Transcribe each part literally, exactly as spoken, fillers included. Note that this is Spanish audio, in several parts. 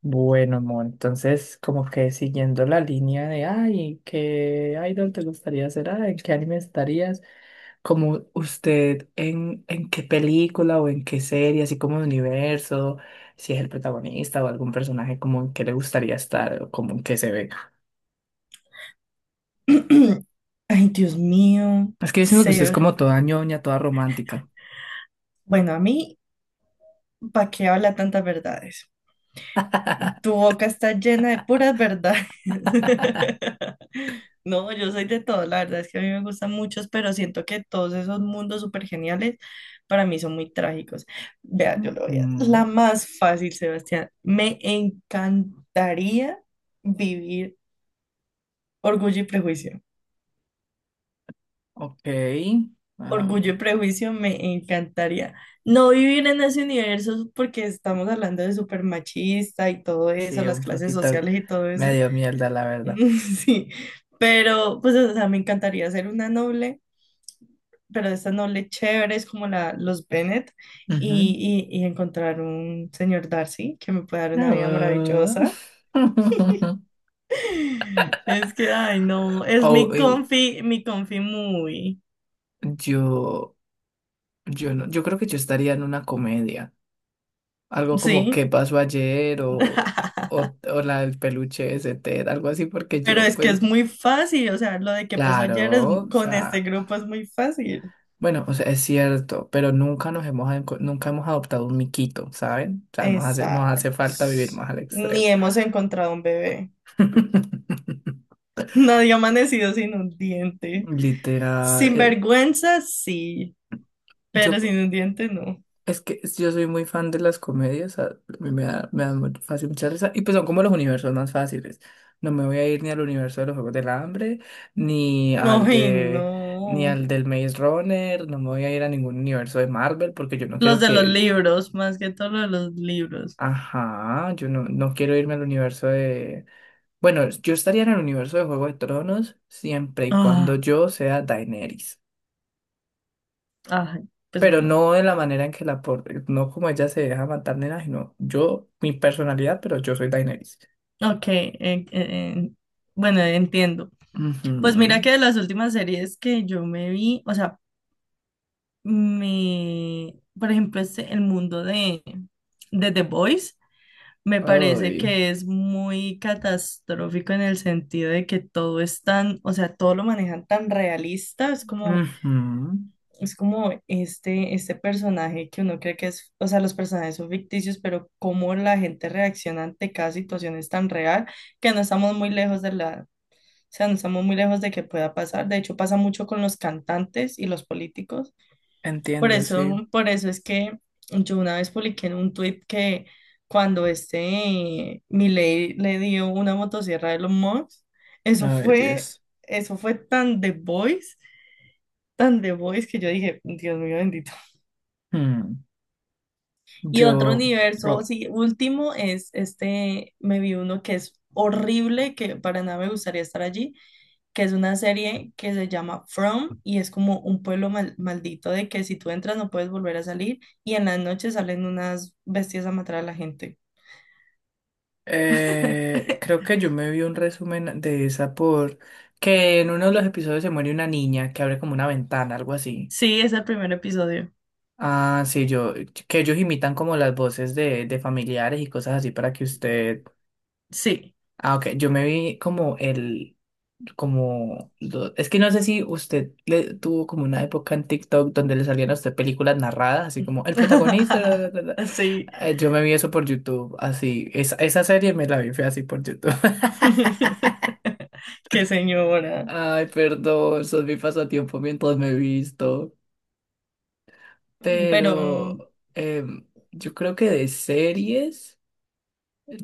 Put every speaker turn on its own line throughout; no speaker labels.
Bueno, amor, entonces como que siguiendo la línea de, ay, ¿qué idol te gustaría ser? Ay, ¿en qué anime estarías? Como usted, ¿en, en qué película o en qué serie, así como de universo, si es el protagonista o algún personaje, como en qué le gustaría estar o como en qué se ve?
Ay, Dios mío,
Es que yo siento que usted es
Seb.
como toda ñoña, toda romántica.
Bueno, a mí, ¿para qué habla tantas verdades? Tu boca está llena de puras verdades. No, yo soy de todo, la verdad es que a mí me gustan muchos, pero siento que todos esos mundos súper geniales para mí son muy trágicos. Vea, yo lo voy a...
Mm,
La más fácil, Sebastián. Me encantaría vivir Orgullo y Prejuicio.
ok, am,
Orgullo y Prejuicio me encantaría. No vivir en ese universo porque estamos hablando de súper machista y todo eso,
sí,
las
un
clases
poquito
sociales y todo eso.
medio mierda, la verdad.
Sí, pero pues o sea, me encantaría ser una noble, pero de estas nobles chéveres como la, los Bennet y, y, y encontrar un señor Darcy que me pueda dar una vida
Ah.
maravillosa. Es que, ay, no, es
Oh,
mi
eu-
confi, mi confi muy.
yo, yo no, yo creo que yo estaría en una comedia. Algo como ¿Qué
Sí.
pasó ayer? o, o, o la del peluche ese Ted, algo así, porque
Pero
yo,
es que es
pues,
muy fácil, o sea, lo de que pasó ayer es,
claro, o
con este
sea,
grupo es muy fácil.
bueno, o sea, es cierto, pero nunca nos hemos, enco- nunca hemos adoptado un miquito, ¿saben? O sea, nos hace, nos hace
Exacto.
falta vivir más al
Ni
extremo.
hemos encontrado un bebé. Nadie ha amanecido sin un diente.
Literal.
Sin
eh,
vergüenza, sí,
yo,
pero sin un diente no.
Es que yo soy muy fan de las comedias, a- mí me da, me da muy fácil mucha risa, y pues son como los universos más fáciles. No me voy a ir ni al universo de los Juegos del Hambre, ni al
No, y
de, ni
no.
al del Maze Runner, no me voy a ir a ningún universo de Marvel, porque yo no
Los
quiero
de los
que,
libros, más que todo lo de los libros.
ajá, yo no, no quiero irme al universo de, bueno, yo estaría en el universo de Juego de Tronos siempre y cuando
Ah,
yo sea Daenerys.
ay, pues
Pero
bueno.
no de la manera en que la, por- no como ella se deja matar, nena, sino yo, mi personalidad, pero yo soy Daenerys.
Ok, eh, eh, bueno, entiendo. Pues mira
Ujú.
que de las últimas series que yo me vi, o sea, me, por ejemplo, este, el mundo de, de The Voice me parece
Ay.
que es muy catastrófico en el sentido de que todo es tan, o sea, todo lo manejan tan realista, es como,
Ujú.
es como este, este personaje que uno cree que es, o sea, los personajes son ficticios, pero cómo la gente reacciona ante cada situación es tan real que no estamos muy lejos de la... O sea, no estamos muy lejos de que pueda pasar. De hecho, pasa mucho con los cantantes y los políticos por
Entiendo, sí.
eso, por eso es que yo una vez publiqué en un tweet que cuando este Milei le dio una motosierra de los Musk, eso
A
fue,
Dios.
eso fue tan The Voice, tan The Voice que yo dije, Dios mío bendito.
Hmm.
Y otro
Yo,
universo,
oh,
sí, último es este, me vi uno que es horrible, que para nada me gustaría estar allí, que es una serie que se llama From y es como un pueblo mal- maldito de que si tú entras no puedes volver a salir y en las noches salen unas bestias a matar a la gente.
eh, creo que yo me vi un resumen de esa, por que en uno de los episodios se muere una niña que abre como una ventana, algo así.
Sí, es el primer episodio.
Ah, sí, yo, que ellos imitan como las voces de, de familiares y cosas así para que usted...
Sí.
Ah, ok. Yo me vi como el, como, lo- es que no sé si usted le tuvo como una época en TikTok donde le salían a usted películas narradas, así como el protagonista. "La, la, la, la".
Sí.
Eh, Yo me vi eso por YouTube, así. Esa, esa serie me la vi, fue así por YouTube.
Qué señora.
Ay, perdón, eso es mi pasatiempo mientras me he visto.
Pero,
Pero em, yo creo que de series.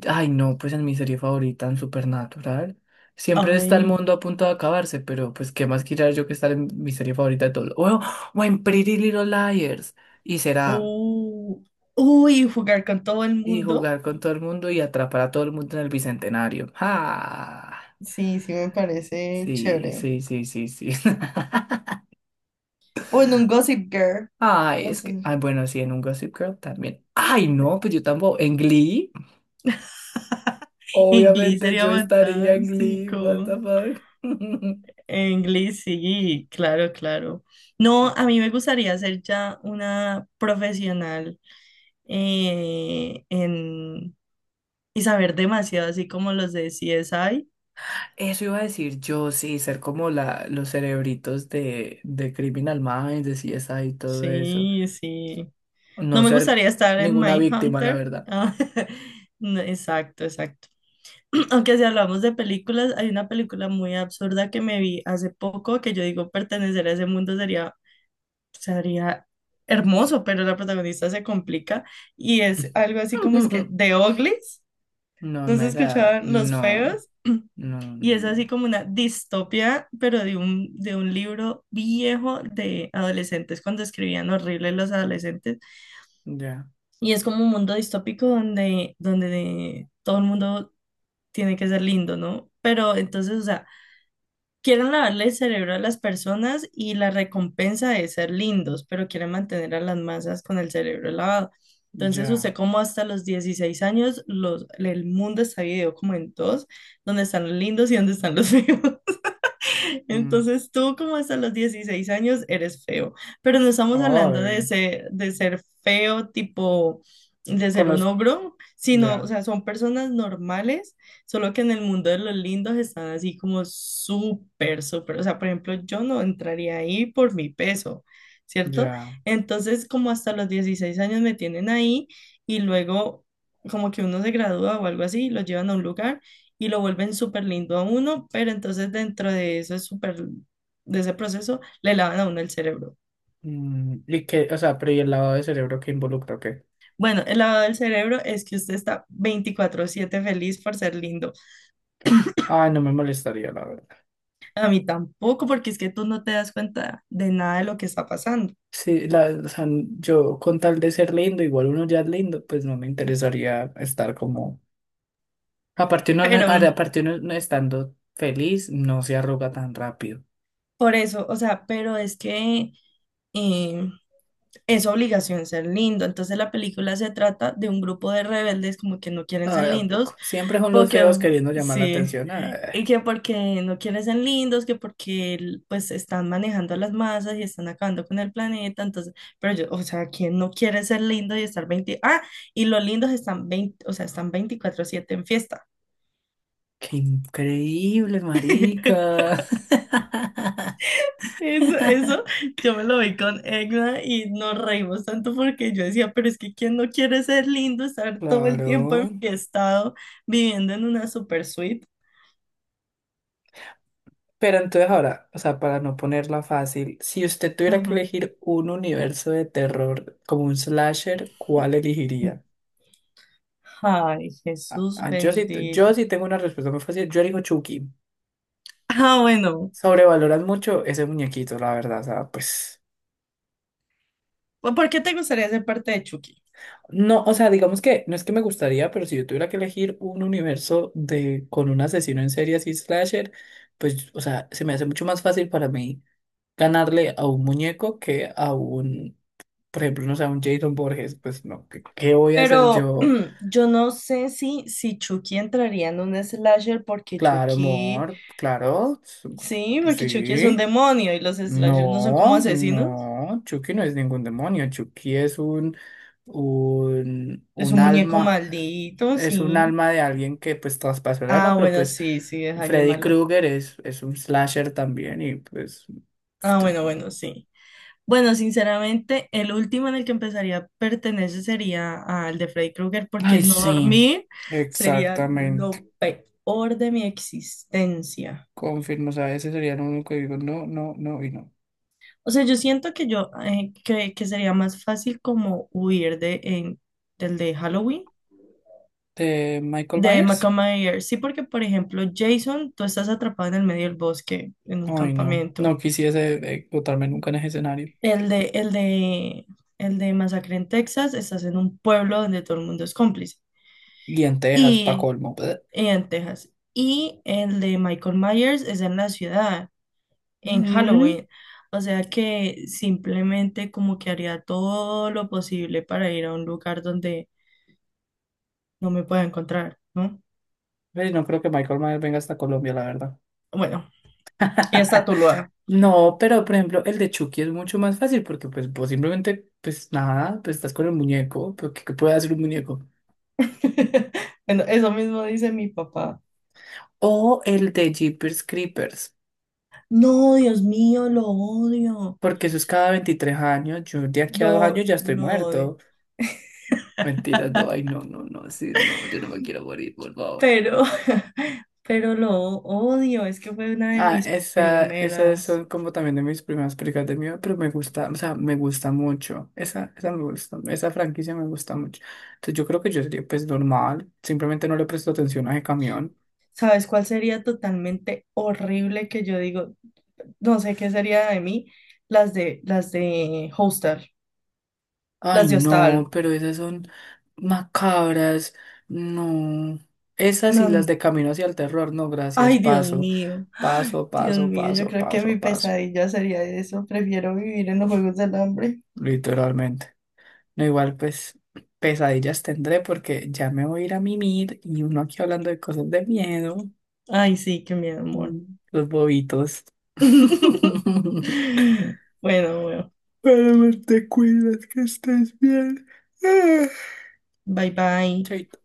Ay, no, pues en mi serie favorita, en Supernatural, siempre está el
ay,
mundo a punto de acabarse, pero pues qué más quisiera yo que estar en mi serie favorita de todo. O, o en Pretty Little Liars, y será,
uh, uy, jugar con todo el
y
mundo.
jugar con todo el mundo y atrapar a todo el mundo en el Bicentenario. ¡Ah!
Sí, sí me parece
Sí,
chévere.
sí, sí, sí, sí.
O en un Gossip Girl.
Ay,
O
es
sea,
que, ay, bueno, sí, en un Gossip Girl también. Ay, no, pues yo tampoco, en Glee,
Inglés
obviamente
sería
yo estaría en Glee, what the
fantástico.
fuck.
Inglés, sí, claro, claro. No, a mí me gustaría ser ya una profesional eh, en, y saber demasiado, así como los de C S I.
Eso iba a decir yo, sí, ser como la, los cerebritos de, de Criminal Minds, de C S I y todo eso.
Sí, sí.
No
No me
ser
gustaría estar en
ninguna víctima, la
Mindhunter.
verdad.
Ah, no, exacto, exacto. Aunque si hablamos de películas, hay una película muy absurda que me vi hace poco que yo digo pertenecer a ese mundo sería, sería hermoso, pero la protagonista se complica y es algo así como es que The Uglies,
No
¿no se
me da,
escuchaban los feos?
no, no,
Y es
no.
así como una distopia, pero de un, de un libro viejo de adolescentes, cuando escribían horrible los adolescentes.
Ya,
Y es como un mundo distópico donde, donde todo el mundo tiene que ser lindo, ¿no? Pero entonces, o sea, quieren lavarle el cerebro a las personas y la recompensa de ser lindos, pero quieren mantener a las masas con el cerebro lavado. Entonces,
ya.
usted como hasta los dieciséis años, los, el mundo está dividido como en dos, donde están los lindos y donde están los feos.
Mm,
Entonces tú como hasta los dieciséis años eres feo, pero no estamos hablando de
ay,
ser, de ser feo tipo de
con
ser un
los,
ogro, sino, o
ya,
sea, son personas normales, solo que en el mundo de los lindos están así como súper, súper, o sea, por ejemplo, yo no entraría ahí por mi peso, ¿cierto?
ya.
Entonces como hasta los dieciséis años me tienen ahí y luego como que uno se gradúa o algo así, lo llevan a un lugar y lo vuelven súper lindo a uno, pero entonces dentro de eso es súper, de ese proceso, le lavan a uno el cerebro.
Mm, y que, o sea, pero ¿y el lavado de cerebro que involucra qué?
Bueno, el lavado del cerebro es que usted está veinticuatro siete feliz por ser lindo.
Ay, no me molestaría, la verdad.
A mí tampoco, porque es que tú no te das cuenta de nada de lo que está pasando.
Sí, la, o sea, yo con tal de ser lindo, igual uno ya es lindo, pues no me interesaría estar como... Aparte uno no,
Pero
ahora, aparte uno no estando feliz, no se arruga tan rápido.
por eso, o sea, pero es que eh, es obligación ser lindo. Entonces la película se trata de un grupo de rebeldes como que no quieren ser
Ay, ¿a
lindos.
poco? Siempre son los
Porque,
feos queriendo llamar la
sí,
atención. Ay,
y que porque no quieren ser lindos, que porque el- pues están manejando las masas y están acabando con el planeta, entonces, pero yo, o sea, ¿quién no quiere ser lindo y estar veinte Ah, y los lindos están veinte o sea, están veinticuatro siete en fiesta.
qué increíble, marica.
Eso, eso, yo me lo vi con Egna y nos reímos tanto porque yo decía, pero es que ¿quién no quiere ser lindo, estar todo el tiempo
Claro.
enfiestado, viviendo en una super suite?
Pero entonces ahora, o sea, para no ponerla fácil, si usted tuviera que
Ajá.
elegir un universo de terror como un slasher, ¿cuál elegiría?
Ay,
Ah,
Jesús
ah, yo sí, yo
bendito.
sí tengo una respuesta muy fácil. Yo elijo Chucky.
Ah, bueno,
Sobrevaloran mucho ese muñequito, la verdad. O sea, pues...
¿por qué te gustaría ser parte de Chucky?
No, o sea, digamos que no es que me gustaría, pero si yo tuviera que elegir un universo de con un asesino en serie así slasher, pues, o sea, se me hace mucho más fácil para mí ganarle a un muñeco que a un, por ejemplo, no sé, a un Jason Borges, pues no, ¿qué, ¿qué voy a hacer
Pero
yo?
yo no sé si, si Chucky entraría en un slasher porque
Claro,
Chucky,
amor, claro, s-
sí, porque Chucky es un
sí.
demonio y los slashers no son como
No,
asesinos.
no, Chucky no es ningún demonio, Chucky es un, un,
Es
un
un muñeco
alma,
maldito,
es un
sí.
alma de alguien que pues traspasó el
Ah,
alma, pero
bueno,
pues...
sí, sí, es alguien
Freddy
malo.
Krueger es, es un slasher también y pues...
Ah,
te-.
bueno, bueno, sí. Bueno, sinceramente, el último en el que empezaría a pertenecer sería al de Freddy Krueger, porque
Ay,
no
sí,
dormir sería
exactamente,
lo peor de mi existencia.
confirmo, o sea, ese sería lo único que digo, no, no, no y no.
O sea, yo siento que yo, eh, que, que sería más fácil como huir de, en- del de Halloween,
¿De Michael
de
Myers?
Michael. Sí, porque, por ejemplo, Jason, tú estás atrapado en el medio del bosque, en un
Ay, no, no
campamento.
quisiese eh, botarme nunca en ese escenario.
El de, el de, el de Masacre en Texas, estás en un pueblo donde todo el mundo es cómplice.
Y en Texas, pa'
Y
colmo. Bleh.
en Texas. Y el de Michael Myers es en la ciudad, en
Mm.
Halloween. O sea que simplemente como que haría todo lo posible para ir a un lugar donde no me pueda encontrar, ¿no?
Ve, no creo que Michael Myers venga hasta Colombia, la verdad.
Bueno, y está Tuluá.
No, pero por ejemplo, el de Chucky es mucho más fácil porque pues vos simplemente, pues nada, pues estás con el muñeco, pero ¿qué, ¿qué puede hacer un muñeco?
Bueno, eso mismo dice mi papá.
O el de Jeepers Creepers,
No, Dios mío, lo odio.
porque eso es cada veintitrés años, yo de aquí a dos
Yo
años ya estoy
lo odio.
muerto. Mentiras, no, ay, no, no, no, sí, no, yo no me quiero morir, por favor.
Pero, pero lo odio. Es que fue una de
Ah,
mis
esa, esas
primeras.
son como también de mis primeras películas de miedo, pero me gusta, o sea, me gusta mucho. Esa, esa me gusta, esa franquicia me gusta mucho. Entonces yo creo que yo sería pues normal, simplemente no le presto atención a ese camión.
¿Sabes cuál sería totalmente horrible que yo digo? No sé qué sería de mí, las de las de Hostel,
Ay,
las de
no,
Hostal.
pero esas son macabras, no. Esas y
No,
las
no.
de Camino hacia el terror, no, gracias,
Ay, Dios
paso,
mío. Ay,
paso,
Dios
paso,
mío, yo
paso,
creo que mi
paso, paso,
pesadilla sería eso. Prefiero vivir en los Juegos del Hambre.
literalmente. No, igual pues pesadillas tendré porque ya me voy a ir a mimir y uno aquí hablando de cosas de miedo.
Ay, sí, qué miedo, amor.
Mm, los bobitos.
Bueno, bueno.
Pero te cuidas, que estés bien. Ah.
Bye bye.
Chaito.